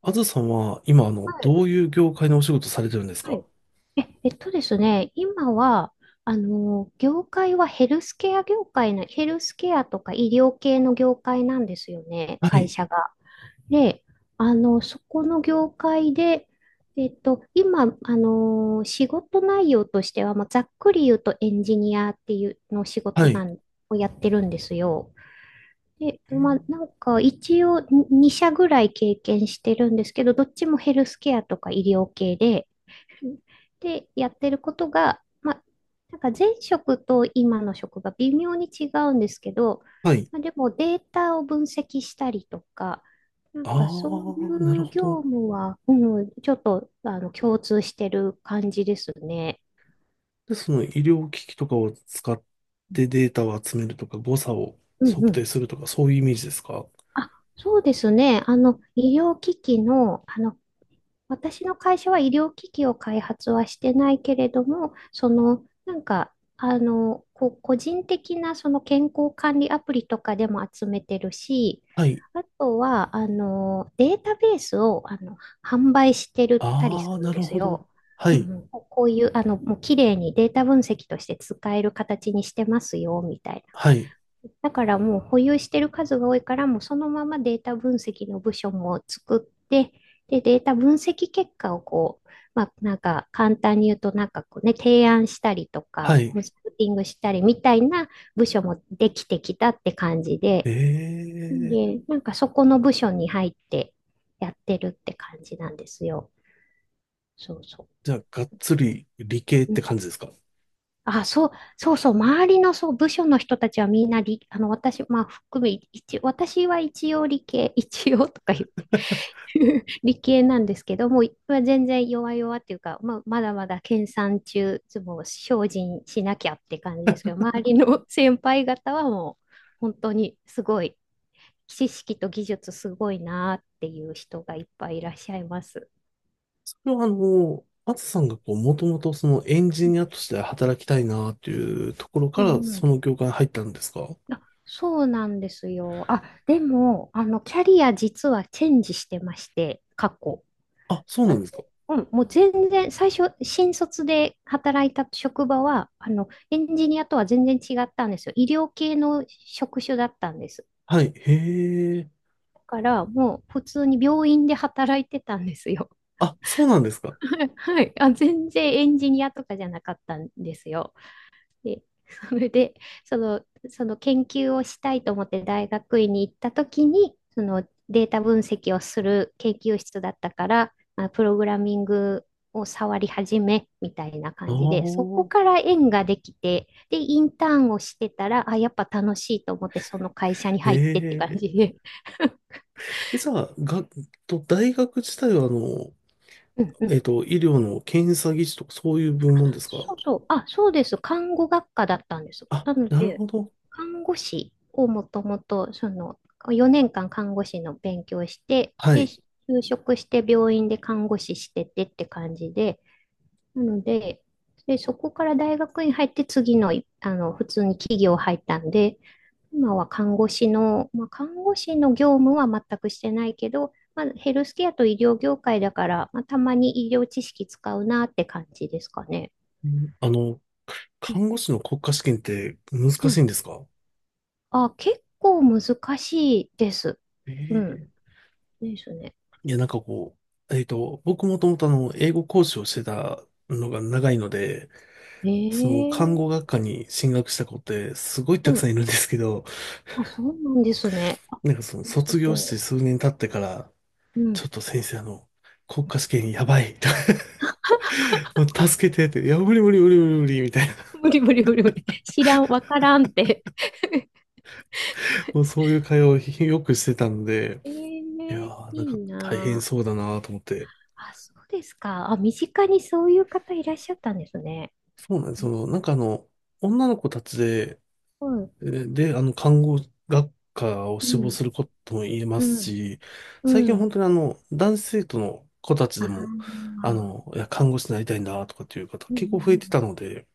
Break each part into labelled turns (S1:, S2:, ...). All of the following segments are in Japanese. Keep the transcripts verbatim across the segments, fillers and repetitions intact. S1: あずさんは、今、あの、
S2: はい。
S1: どういう業界のお仕事されてるんです
S2: は
S1: か？
S2: い。え、えっとですね、今は、あの、業界はヘルスケア業界な、ヘルスケアとか医療系の業界なんですよね、
S1: は
S2: 会
S1: い、
S2: 社が。で、あの、そこの業界で、えっと、今、あの、仕事内容としては、まあ、ざっくり言うとエンジニアっていうの仕
S1: は
S2: 事な
S1: い、
S2: んをやってるんですよ。で、
S1: え
S2: まあ、
S1: ー
S2: なんか一応に社ぐらい経験してるんですけど、どっちもヘルスケアとか医療系で、で、やってることが、まあ、なんか前職と今の職が微妙に違うんですけど、
S1: はい。
S2: まあ、でもデータを分析したりとか、なん
S1: あ
S2: かそうい
S1: あ、なる
S2: う
S1: ほ
S2: 業
S1: ど。
S2: 務は、うん、ちょっとあの共通してる感じですね。
S1: で、その医療機器とかを使ってデータを集めるとか、誤差を
S2: うん
S1: 測
S2: う
S1: 定
S2: ん。
S1: するとか、そういうイメージですか？
S2: あ、そうですね。あの、医療機器の、あの、私の会社は医療機器を開発はしてないけれども、その、なんか、あの、こう、個人的なその健康管理アプリとかでも集めてるし、
S1: はい。
S2: あとは、あの、データベースを、あの、販売してるったりす
S1: あ
S2: る
S1: あ、な
S2: んで
S1: る
S2: す
S1: ほど。
S2: よ。
S1: は
S2: うん
S1: い、
S2: うん、こうこういう、あの、もう綺麗にデータ分析として使える形にしてますよ、みたい
S1: はい、
S2: だからもう保有してる数が多いから、もうそのままデータ分析の部署も作って、で、データ分析結果をこう、まあ、なんか簡単に言うと、なんかこうね、提案したりと
S1: は
S2: か、
S1: い。
S2: コンサルティングしたりみたいな部署もできてきたって感じ
S1: え
S2: で、
S1: え、
S2: で、なんかそこの部署に入ってやってるって感じなんですよ。そうそ
S1: じゃあ、がっつり理系っ
S2: う。う
S1: て
S2: ん。
S1: 感じですか？
S2: あ、そう、そうそう、周りのそう、部署の人たちはみんな理、あの、私、まあ、含め、一、私は一応理系、一応とか言って 理系なんですけど、もう、まあ全然弱々っていうか、まあ、まだまだ研鑽中、もう精進しなきゃって感じですけど、周りの 先輩方はもう、本当にすごい、知識と技術すごいなっていう人がいっぱいいらっしゃいます。
S1: それはあの、あずさんがこう、もともとそのエンジニアとして働きたいなっていうところ
S2: う
S1: から、
S2: んう
S1: そ
S2: ん。
S1: の業界に入ったんですか？
S2: あ、そうなんですよ。あ、でも、あの、キャリア実はチェンジしてまして、過去。
S1: あ、そうな
S2: あ、
S1: んですか？
S2: うん、もう全然、最初、新卒で働いた職場は、あの、エンジニアとは全然違ったんですよ。医療系の職種だったんです。
S1: はい、へえ。
S2: だから、もう普通に病院で働いてたんですよ。
S1: あ、そうなんですか？
S2: はい。あ、全然エンジニアとかじゃなかったんですよ。で、それで、その、その研究をしたいと思って大学院に行った時に、そのデータ分析をする研究室だったから、まあ、プログラミングを触り始めみたいな
S1: あ
S2: 感じで、そ
S1: あ、
S2: こから縁ができて、で、インターンをしてたら、あ、やっぱ楽しいと思って、その会社に入ってって
S1: へ
S2: 感
S1: え。
S2: じで。
S1: え、じゃあ、が、と、大学自体はあの、
S2: うんう
S1: えっ
S2: ん。
S1: と、医療の検査技師とかそういう部門ですか？
S2: そうそう。あ、そうです。看護学科だったんです。
S1: あ、
S2: なの
S1: なる
S2: で、
S1: ほど。
S2: 看護師をもともと、その、よねんかん看護師の勉強して、
S1: は
S2: で、
S1: い。
S2: 就職して病院で看護師しててって感じで、なので、で、そこから大学に入って次の、あの、普通に企業入ったんで、今は看護師の、まあ、看護師の業務は全くしてないけど、まあ、ヘルスケアと医療業界だから、まあ、たまに医療知識使うなって感じですかね。
S1: うん、あの、
S2: うん、
S1: 看護師の国家試験って難
S2: は
S1: しい
S2: い。
S1: んですか？
S2: あ、結構難しいです。う
S1: え
S2: ん。
S1: え、
S2: ですね。
S1: いや、なんかこう、えっと、僕もともとあの、英語講師をしてたのが長いので、その、看護
S2: ええ。
S1: 学科に進学した子ってすごい
S2: う
S1: たくさん
S2: ん。
S1: いるんですけど、
S2: あ、そうなんですね。あ、
S1: なんかその、
S2: す
S1: 卒業して
S2: ご
S1: 数年経ってから、
S2: い。う
S1: ちょっ
S2: ん。
S1: と先生、あの、国家試験やばいと もう助けてって、いや、無理無理無理無理無理みたいな、
S2: 無理無理無理無理。知らん、わからんって。
S1: もうそういう会話をよくしてたので、
S2: え
S1: いや
S2: え、
S1: ー、なんか
S2: いい
S1: 大変
S2: な
S1: そうだなと思って。
S2: あ。あ、そうですか。あ、身近にそういう方いらっしゃったんですね。
S1: そうなんです。
S2: え、
S1: その、なんかあの、女の子たちで、
S2: うん、
S1: で、で、あの、看護学科を
S2: う
S1: 志望
S2: ん、
S1: することも言えま
S2: う
S1: す
S2: ん、
S1: し、
S2: う
S1: 最近本
S2: ん。
S1: 当にあの、男子生徒の子たち
S2: あ
S1: でも、
S2: あ、
S1: あの、いや、看護師になりたいんだとかっていう方
S2: うん、う
S1: 結構増え
S2: ん、う
S1: て
S2: ん。
S1: たので、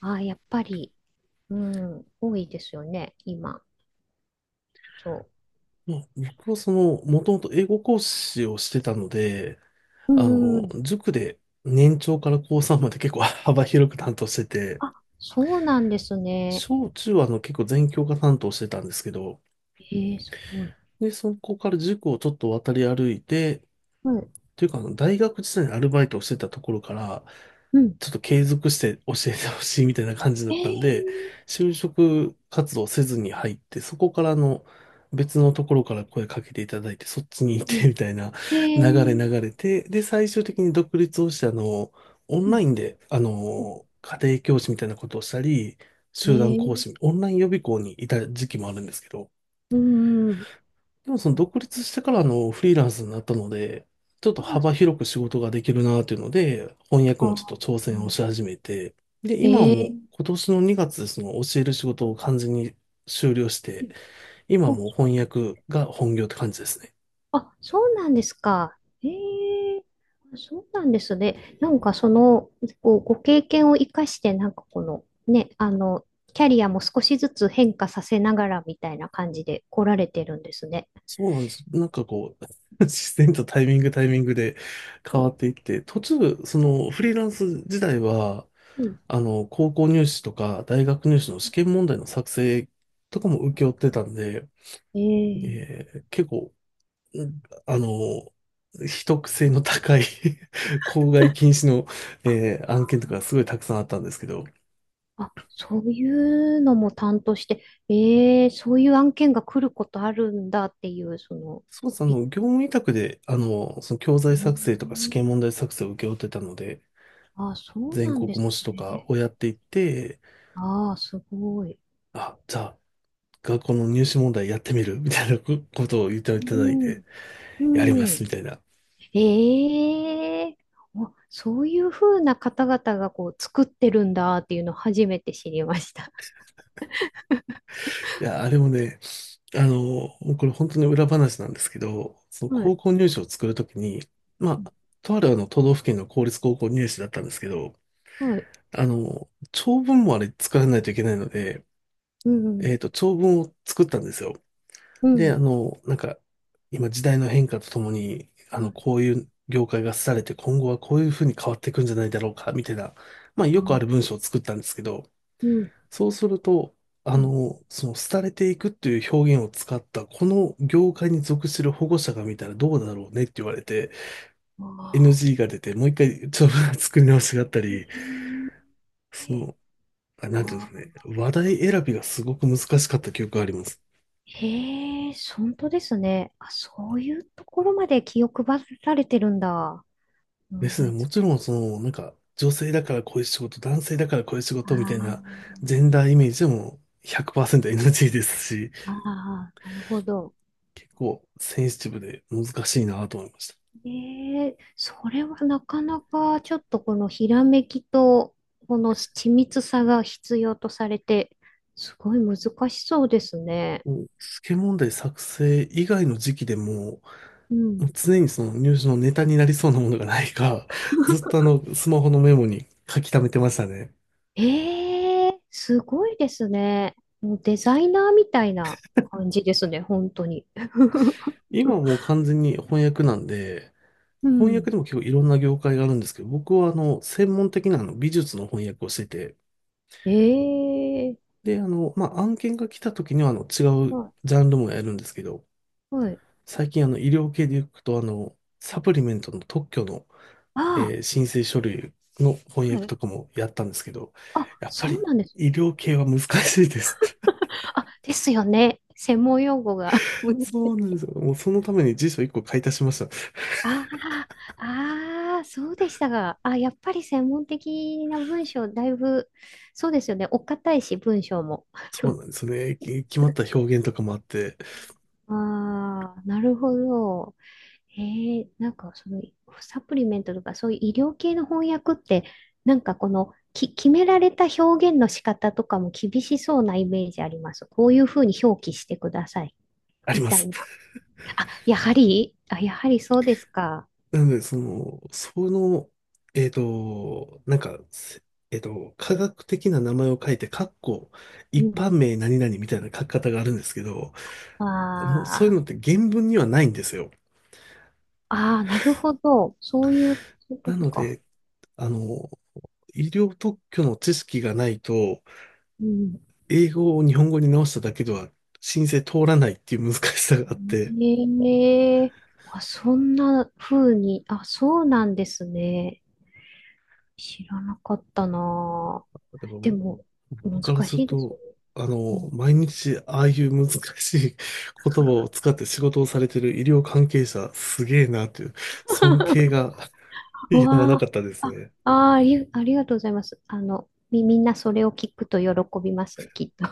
S2: ああ、やっぱり、うん、多いですよね、今。そ
S1: まあ、僕はその、もともと英語講師をしてたので、
S2: う。う
S1: あ
S2: ん、うん、う
S1: の、
S2: ん。
S1: 塾で年長から高さんまで結構 幅広く担当してて、
S2: あ、そうなんですね。
S1: 小中はあの結構全教科担当してたんですけど、
S2: ええ、すごい。
S1: で、そこから塾をちょっと渡り歩いて、
S2: はい。
S1: というか、あの大学時代にアルバイトをしてたところから、
S2: うん。
S1: ちょっと継続して教えてほしいみたいな感じだっ
S2: えー、
S1: たんで、就職活動せずに入って、そこからあの別のところから声かけていただいて、そっちに行
S2: う
S1: って
S2: ん。
S1: みたいな
S2: え
S1: 流れ
S2: ー、
S1: 流れて、で、最終的に独立をして、あの、オン
S2: う
S1: ライ
S2: ん。
S1: ンで、あの、家庭教師みたいなことをしたり、
S2: え
S1: 集団講
S2: ー、
S1: 師、オンライン予備校にいた時期もあるんですけど、
S2: うん。うん。
S1: でもその独立してからあのフリーランスになったので、ちょっと
S2: あ、そ
S1: 幅
S2: っ
S1: 広く仕事ができるなというので、翻訳もちょっと
S2: か。
S1: 挑戦をし始めて、で、
S2: え
S1: 今はも
S2: ー、
S1: う今年のにがつでその教える仕
S2: う
S1: 事を
S2: ん。
S1: 完全に終了して、今
S2: う
S1: は
S2: ん。
S1: もう翻訳が本業って感じですね。
S2: あ、そうなんです。あ、そうなんですか。ええ、そうなんですね。なんかその、こう、ご経験を生かして、なんかこの、ね、あの、キャリアも少しずつ変化させながらみたいな感じで来られてるんですね。
S1: そうなんです。なんかこう、自然とタイミングタイミングで変わっていって、途中、そのフリーランス時代は、
S2: うん。
S1: あの、高校入試とか大学入試の試験問題の作成とかも請け負ってたんで、
S2: ええ、
S1: ええ結構、うん、あの、秘匿性の高い 公害禁止の、えー案件とかすごいたくさんあったんですけど、
S2: あ、そういうのも担当して、えー、そういう案件が来ることあるんだっていう、その、
S1: そうです、あ
S2: び、
S1: の、業務委託で、あの、その教
S2: え
S1: 材作成とか試
S2: ー、
S1: 験問題作成を請け負ってたので、
S2: あ、そう
S1: 全
S2: なん
S1: 国
S2: です
S1: 模試とか
S2: ね。
S1: をやっていって、
S2: ああ、すごい。
S1: あ、じゃあ、学校の入試問題やってみるみたいなこことを言っていただいて、
S2: う
S1: やりま
S2: ん、う
S1: す
S2: ん。
S1: みたいな。
S2: ええ、お、そういうふうな方々がこう作ってるんだっていうのを初めて知りました。
S1: いや、あれもね、あの、もうこれ本当に裏話なんですけど、その
S2: はい。
S1: 高校入試を作るときに、まあ、とあるあの都道府県の公立高校入試だったんですけど、
S2: はい。
S1: あの、長文もあれ作らないといけないので、
S2: う
S1: え
S2: ん。
S1: っと、長文を作ったんですよ。
S2: う
S1: で、あ
S2: ん。
S1: の、なんか、今時代の変化とともに、あ
S2: う
S1: の、
S2: ん。
S1: こういう業界が廃れて今後はこういうふうに変わっていくんじゃないだろうか、みたいな、まあ、よくある文章を作ったんですけど、
S2: うん。
S1: そうすると、あ
S2: うん。
S1: の、その、廃れていくっていう表現を使った、この業界に属する保護者が見たらどうだろうねって言われて、
S2: ああ。
S1: エヌジー が出て、もう一回、ちょっと 作り直しがあったり、
S2: え
S1: そ
S2: え、
S1: の、あ、なんていう
S2: あ
S1: ん
S2: あ。
S1: ですかね、話題選びがすごく難しかった記憶があります。
S2: へえ、本当ですね。あ、そういうところまで気を配られてるんだ。
S1: で
S2: 問
S1: すね、
S2: 題つ
S1: も
S2: く。
S1: ちろん、その、なんか、女性だからこういう仕事、男性だからこういう仕事みたいな、
S2: あ
S1: ジェンダーイメージでも ひゃくパーセントエヌジー ですし、
S2: あ、ああ、なるほど。
S1: 結構センシティブで難しいなと思いました。
S2: ええ、それはなかなかちょっとこのひらめきとこの緻密さが必要とされて、すごい難しそうですね。
S1: もう、試験問題作成以外の時期でも、
S2: うん。
S1: 常にその入試のネタになりそうなものがないか、ずっとあの、スマホのメモに書き溜めてましたね。
S2: ええ、すごいですね。もうデザイナーみたいな感じですね、本当に。
S1: 今はもう完全に翻訳なんで、
S2: う
S1: 翻訳
S2: ん。
S1: でも結構いろんな業界があるんですけど、僕はあの、専門的なあの美術の翻訳をしてて、
S2: ええ、
S1: で、あの、まあ、案件が来た時にはあの、違う
S2: は
S1: ジャンルもやるんですけど、
S2: い。はい。
S1: 最近あの、医療系で行くとあの、サプリメントの特許の
S2: あ
S1: えー申請書類の
S2: あ、
S1: 翻
S2: は
S1: 訳
S2: い。
S1: とかもやったんですけど、
S2: あ、
S1: やっぱ
S2: そう
S1: り
S2: なんです。
S1: 医療系は難しいです。
S2: あ、ですよね。専門用語が。難 し
S1: そう
S2: い。
S1: なんですよ。もうそのために辞書いっこ買い足しました。
S2: ああ、ああ、そうでしたが。あ、やっぱり専門的な文章、だいぶ、そうですよね。お堅いし、文章も。
S1: そうなん ですよね。き決まった表現とかもあって、
S2: ああ、なるほど。へえ、なんかそのサプリメントとかそういう医療系の翻訳って、なんかこのき決められた表現の仕方とかも厳しそうなイメージあります。こういうふうに表記してください
S1: あり
S2: み
S1: ま
S2: たい
S1: す。
S2: な。あ、やはり、あ、やはりそうですか。
S1: なので、その、その、えっと、なんか、せえっと、科学的な名前を書いて、かっこ、
S2: う
S1: 一
S2: ん。
S1: 般名何々みたいな書き方があるんですけど、もうそういう
S2: あ
S1: のっ
S2: あ、
S1: て原文にはないんですよ。
S2: ああ、なるほど。そういう、そういうこ
S1: な
S2: と
S1: の
S2: か。
S1: で、あの、医療特許の知識がないと、
S2: うん。
S1: 英語を日本語に直しただけでは申請通らないっていう難しさがあって、
S2: ええ、あ、そんな風に、あ、そうなんですね。知らなかったな
S1: だから
S2: あ。でも、難
S1: 僕からす
S2: し
S1: る
S2: いですよ
S1: と、
S2: ね。
S1: あ
S2: うん、
S1: の、毎日ああいう難しい言葉を使って仕事をされてる医療関係者、すげえなという尊敬が
S2: う
S1: やまなか
S2: わ
S1: ったで
S2: あ、
S1: すね。
S2: あ、あー、あり、ありがとうございます。あの、み、みんなそれを聞くと喜びますね、きっとね。